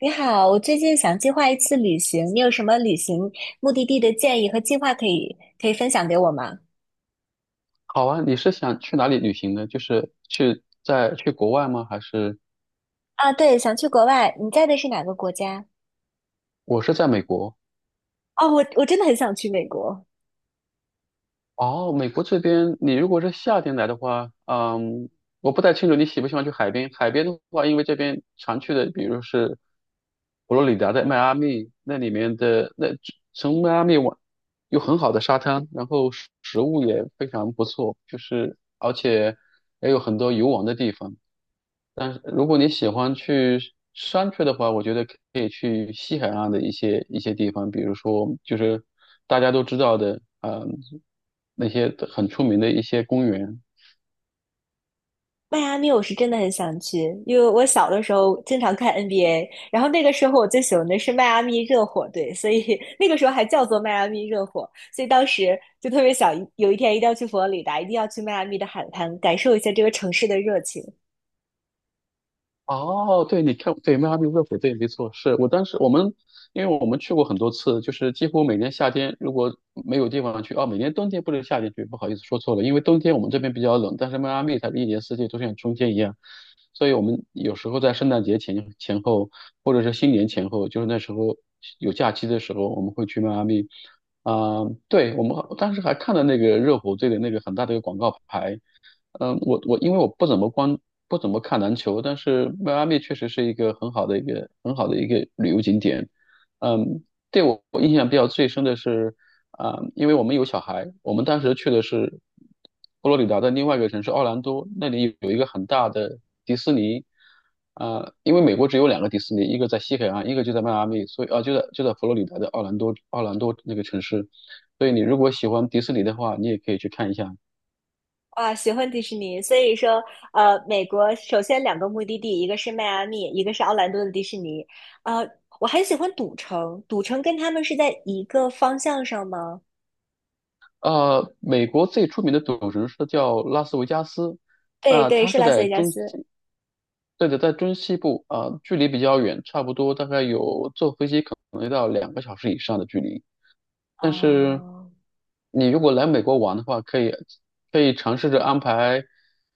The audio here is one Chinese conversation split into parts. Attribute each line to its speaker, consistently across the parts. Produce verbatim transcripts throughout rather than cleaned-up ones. Speaker 1: 你好，我最近想计划一次旅行，你有什么旅行目的地的建议和计划可以可以分享给我吗？
Speaker 2: 好啊，你是想去哪里旅行呢？就是去在去国外吗？还是
Speaker 1: 啊，对，想去国外，你在的是哪个国家？
Speaker 2: 我是在美国？
Speaker 1: 哦，我我真的很想去美国。
Speaker 2: 哦，美国这边，你如果是夏天来的话，嗯，我不太清楚你喜不喜欢去海边。海边的话，因为这边常去的，比如是佛罗里达的迈阿密，那里面的那从迈阿密往有很好的沙滩，然后食食物也非常不错，就是而且也有很多游玩的地方。但是如果你喜欢去山区的话，我觉得可以去西海岸的一些一些地方，比如说就是大家都知道的，嗯、那些很出名的一些公园。
Speaker 1: 迈阿密，我是真的很想去，因为我小的时候经常看 N B A，然后那个时候我最喜欢的是迈阿密热火队，所以 那个时候还叫做迈阿密热火，所以当时就特别想有一天一定要去佛罗里达，一定要去迈阿密的海滩，感受一下这个城市的热情。
Speaker 2: 哦，对，你看，对，迈阿密热火队没错，是我当时我们，因为我们去过很多次，就是几乎每年夏天如果没有地方去。哦，每年冬天，不能夏天去，不好意思说错了，因为冬天我们这边比较冷，但是迈阿密它是一年四季都像春天一样，所以我们有时候在圣诞节前前后，或者是新年前后，就是那时候有假期的时候，我们会去迈阿密。啊、对，我们当时还看了那个热火队的那个很大的一个广告牌。嗯，我我因为我不怎么关不怎么看篮球，但是迈阿密确实是一个很好的一个很好的一个旅游景点。嗯，对，我我印象比较最深的是，啊、因为我们有小孩，我们当时去的是佛罗里达的另外一个城市奥兰多，那里有一个很大的迪士尼。啊、因为美国只有两个迪士尼，一个在西海岸，一个就在迈阿密，所以啊、就在就在佛罗里达的奥兰多奥兰多那个城市。所以你如果喜欢迪士尼的话，你也可以去看一下。
Speaker 1: 啊，喜欢迪士尼，所以说，呃，美国首先两个目的地，一个是迈阿密，一个是奥兰多的迪士尼。呃，我很喜欢赌城，赌城跟他们是在一个方向上吗？
Speaker 2: 呃，美国最出名的赌城是叫拉斯维加斯。
Speaker 1: 对
Speaker 2: 那、
Speaker 1: 对，
Speaker 2: 它
Speaker 1: 是
Speaker 2: 是
Speaker 1: 拉斯
Speaker 2: 在
Speaker 1: 维加
Speaker 2: 中西，
Speaker 1: 斯。
Speaker 2: 对的，在中西部，啊、距离比较远，差不多大概有坐飞机可能要到两个小时以上的距离。但是
Speaker 1: 哦，
Speaker 2: 你如果来美国玩的话，可以可以尝试着安排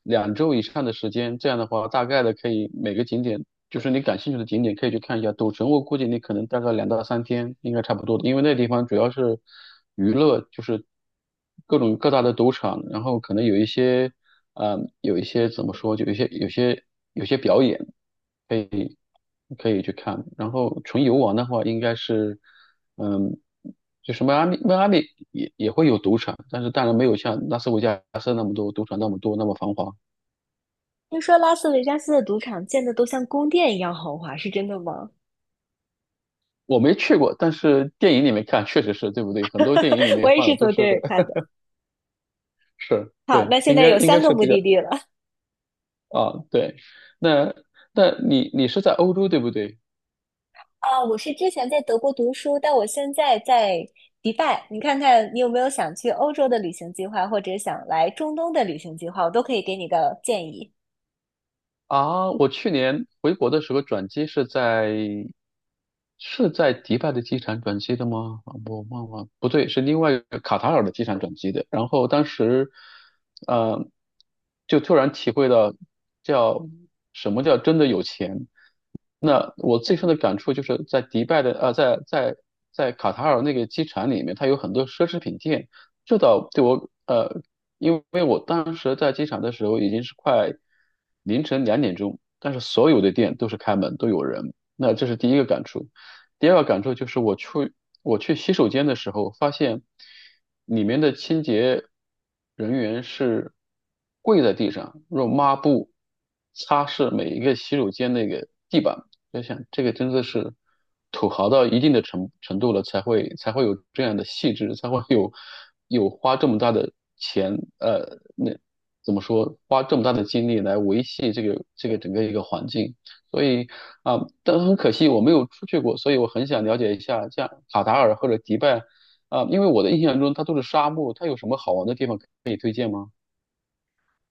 Speaker 2: 两周以上的时间，这样的话，大概的可以每个景点，就是你感兴趣的景点可以去看一下。赌城我估计你可能大概两到三天应该差不多的，因为那地方主要是娱乐，就是各种各大的赌场，然后可能有一些，呃，有一些，怎么说，就有一些有些有些表演可以去看。然后纯游玩的话，应该是，嗯，就是迈阿密。迈阿密也也会有赌场，但是当然没有像拉斯维加斯那么多赌场那么多那么繁华。
Speaker 1: 听说拉斯维加斯的赌场建的都像宫殿一样豪华，是真的吗？
Speaker 2: 我没去过，但是电影里面看确实是，对不对？很多电影里 面
Speaker 1: 我也
Speaker 2: 放
Speaker 1: 是
Speaker 2: 的都
Speaker 1: 从
Speaker 2: 是
Speaker 1: 电影看 的。
Speaker 2: 是，
Speaker 1: 好，
Speaker 2: 对，
Speaker 1: 那现
Speaker 2: 应
Speaker 1: 在
Speaker 2: 该
Speaker 1: 有
Speaker 2: 应
Speaker 1: 三
Speaker 2: 该
Speaker 1: 个
Speaker 2: 是
Speaker 1: 目
Speaker 2: 比较，
Speaker 1: 的地了。
Speaker 2: 啊，对。那那你你是在欧洲对不对？
Speaker 1: 啊，我是之前在德国读书，但我现在在迪拜。你看看你有没有想去欧洲的旅行计划，或者想来中东的旅行计划，我都可以给你个建议。
Speaker 2: 啊，我去年回国的时候转机是在是在迪拜的机场转机的吗？啊，我忘了，不对，是另外一个卡塔尔的机场转机的。然后当时，呃，就突然体会到叫什么叫真的有钱。那我最深的感触就是在迪拜的，呃，在在在卡塔尔那个机场里面，它有很多奢侈品店，这倒对我，呃因为我当时在机场的时候已经是快凌晨两点钟，但是所有的店都是开门，都有人。那这是第一个感触。第二个感触就是我去我去洗手间的时候，发现里面的清洁人员是跪在地上，用抹布擦拭每一个洗手间那个地板。在想，这个真的是土豪到一定的程程度了，才会才会有这样的细致，才会有有花这么大的钱，呃，那怎么说，花这么大的精力来维系这个这个整个一个环境。所以啊、但很可惜我没有出去过，所以我很想了解一下，像卡塔尔或者迪拜，啊、因为我的印象中它都是沙漠，它有什么好玩的地方可以推荐吗？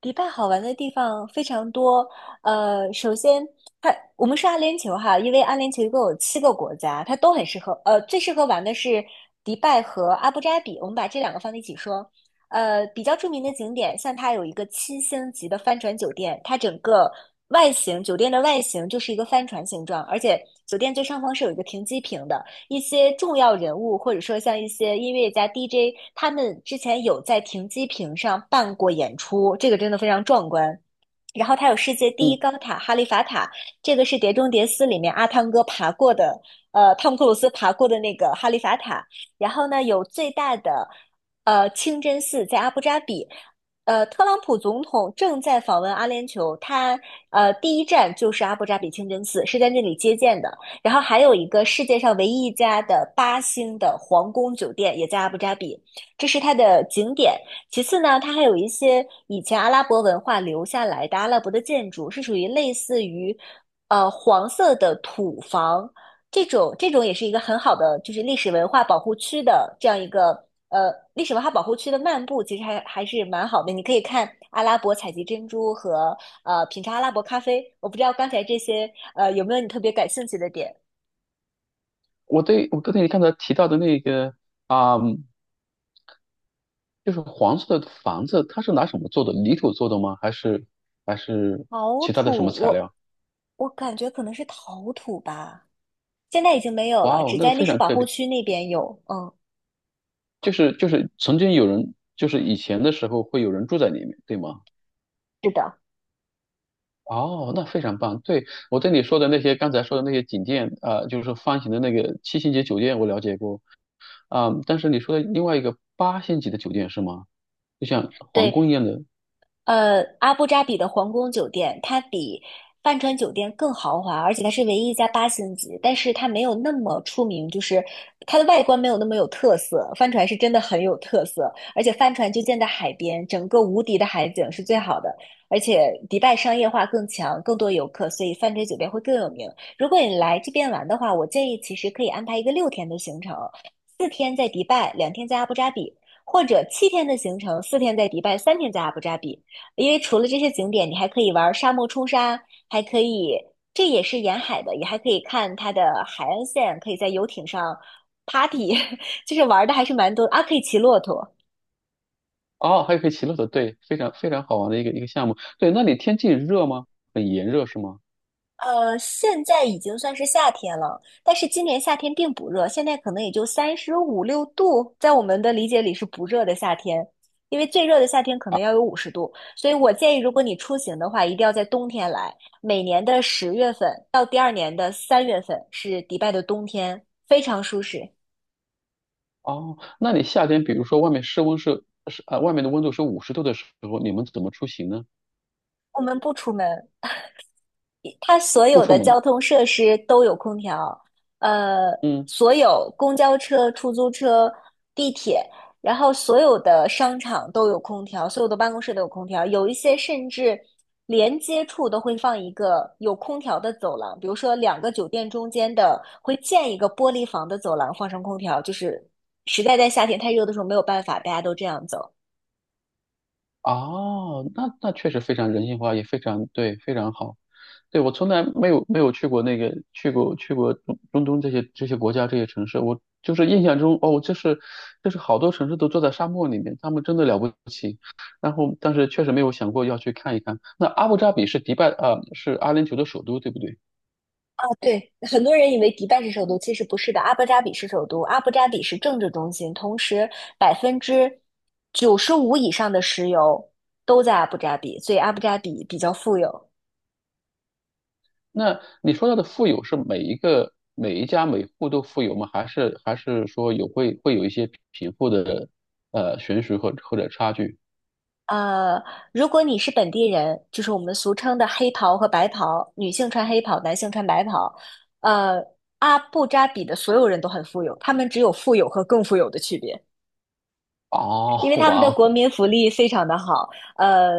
Speaker 1: 迪拜好玩的地方非常多。呃，首先它我们说阿联酋哈，因为阿联酋一共有七个国家，它都很适合。呃，最适合玩的是迪拜和阿布扎比，我们把这两个放在一起说。呃，比较著名的景点，像它有一个七星级的帆船酒店，它整个外形，酒店的外形就是一个帆船形状，而且酒店最上方是有一个停机坪的，一些重要人物，或者说像一些音乐家、D J，他们之前有在停机坪上办过演出，这个真的非常壮观。然后它有世界第一
Speaker 2: 嗯，
Speaker 1: 高塔哈利法塔，这个是《碟中谍四》里面阿汤哥爬过的，呃，汤姆克鲁斯爬过的那个哈利法塔。然后呢，有最大的呃清真寺在阿布扎比。呃，特朗普总统正在访问阿联酋，他呃第一站就是阿布扎比清真寺，是在那里接见的。然后还有一个世界上唯一一家的八星的皇宫酒店也在阿布扎比，这是它的景点。其次呢，它还有一些以前阿拉伯文化留下来的阿拉伯的建筑，是属于类似于，呃，黄色的土房这种。这种也是一个很好的，就是历史文化保护区的这样一个，呃，历史文化保护区的漫步，其实还还是蛮好的。你可以看阿拉伯采集珍珠和呃品尝阿拉伯咖啡。我不知道刚才这些呃有没有你特别感兴趣的点？
Speaker 2: 我对我刚才你刚才提到的那个，啊、就是黄色的房子，它是拿什么做的？泥土做的吗？还是还是
Speaker 1: 陶
Speaker 2: 其他的什么
Speaker 1: 土，
Speaker 2: 材
Speaker 1: 我
Speaker 2: 料？
Speaker 1: 我感觉可能是陶土吧。现在已经没有
Speaker 2: 哇
Speaker 1: 了，
Speaker 2: 哦，
Speaker 1: 只
Speaker 2: 那个
Speaker 1: 在历
Speaker 2: 非
Speaker 1: 史
Speaker 2: 常
Speaker 1: 保
Speaker 2: 特
Speaker 1: 护
Speaker 2: 别，
Speaker 1: 区那边有。嗯，
Speaker 2: 就是就是曾经有人，就是以前的时候会有人住在里面，对吗？
Speaker 1: 是的。
Speaker 2: 哦，那非常棒。对，我对你说的那些，刚才说的那些景点，啊，就是说方形的那个七星级酒店，我了解过。啊、但是你说的另外一个八星级的酒店是吗？就像皇宫
Speaker 1: 对，
Speaker 2: 一样的。
Speaker 1: 呃，阿布扎比的皇宫酒店，它比帆船酒店更豪华，而且它是唯一一家八星级，但是它没有那么出名，就是它的外观没有那么有特色。帆船是真的很有特色，而且帆船就建在海边，整个无敌的海景是最好的，而且迪拜商业化更强，更多游客，所以帆船酒店会更有名。如果你来这边玩的话，我建议其实可以安排一个六天的行程，四天在迪拜，两天在阿布扎比，或者七天的行程，四天在迪拜，三天在阿布扎比。因为除了这些景点，你还可以玩沙漠冲沙，还可以，这也是沿海的，也还可以看它的海岸线，可以在游艇上 party，就是玩的还是蛮多啊，可以骑骆驼。
Speaker 2: 哦，还有可以骑骆驼，对，非常非常好玩的一个一个项目。对，那里天气热吗？很炎热是吗？
Speaker 1: 呃，现在已经算是夏天了，但是今年夏天并不热，现在可能也就三十五六度，在我们的理解里是不热的夏天，因为最热的夏天可能要有五十度，所以我建议，如果你出行的话，一定要在冬天来。每年的十月份到第二年的三月份是迪拜的冬天，非常舒适。
Speaker 2: 哦，那你夏天，比如说外面室温是是呃，外面的温度是五十度的时候，你们怎么出行呢？
Speaker 1: 我们不出门，它所
Speaker 2: 不
Speaker 1: 有
Speaker 2: 出
Speaker 1: 的
Speaker 2: 门。
Speaker 1: 交通设施都有空调。呃，
Speaker 2: 嗯，
Speaker 1: 所有公交车、出租车、地铁，然后所有的商场都有空调，所有的办公室都有空调，有一些甚至连接处都会放一个有空调的走廊，比如说两个酒店中间的会建一个玻璃房的走廊，放上空调，就是实在在夏天太热的时候没有办法，大家都这样走。
Speaker 2: 哦，那那确实非常人性化，也非常对，非常好。对，我从来没有没有去过那个去过去过中中东这些这些国家这些城市，我就是印象中哦，就是就是好多城市都坐在沙漠里面，他们真的了不起。然后，但是确实没有想过要去看一看。那阿布扎比是迪拜呃是阿联酋的首都，对不对？
Speaker 1: 对，很多人以为迪拜是首都，其实不是的。阿布扎比是首都，阿布扎比是政治中心，同时百分之九十五以上的石油都在阿布扎比，所以阿布扎比比较富有。
Speaker 2: 那你说到的富有是每一个每一家每户都富有吗？还是还是说有会会有一些贫富的呃悬殊或或者差距？
Speaker 1: 呃，如果你是本地人，就是我们俗称的黑袍和白袍，女性穿黑袍，男性穿白袍。呃，阿布扎比的所有人都很富有，他们只有富有和更富有的区别。因
Speaker 2: 哦，
Speaker 1: 为他们
Speaker 2: 哇
Speaker 1: 的国
Speaker 2: 哦，
Speaker 1: 民福利非常的好。呃，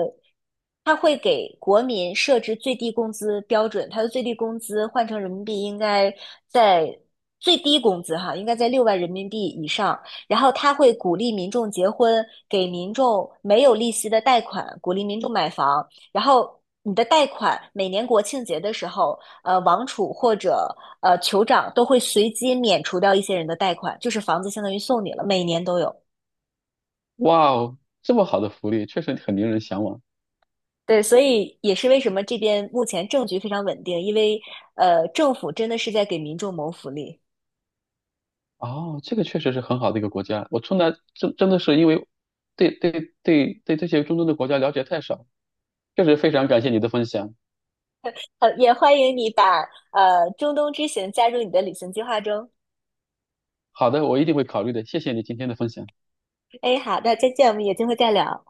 Speaker 1: 他会给国民设置最低工资标准，他的最低工资换成人民币应该在最低工资哈，应该在六万人民币以上。然后他会鼓励民众结婚，给民众没有利息的贷款，鼓励民众买房。然后你的贷款每年国庆节的时候，呃，王储或者呃酋长都会随机免除掉一些人的贷款，就是房子相当于送你了，每年都有。
Speaker 2: 哇哦，这么好的福利确实很令人向往。
Speaker 1: 对，所以也是为什么这边目前政局非常稳定，因为呃，政府真的是在给民众谋福利。
Speaker 2: 哦，这个确实是很好的一个国家。我从来真真的是因为对，对，对，对，这些中东的国家了解太少，确实非常感谢你的分享。
Speaker 1: 呃，也欢迎你把呃中东之行加入你的旅行计划中。
Speaker 2: 好的，我一定会考虑的，谢谢你今天的分享。
Speaker 1: 哎，好的，再见，我们有机会再聊。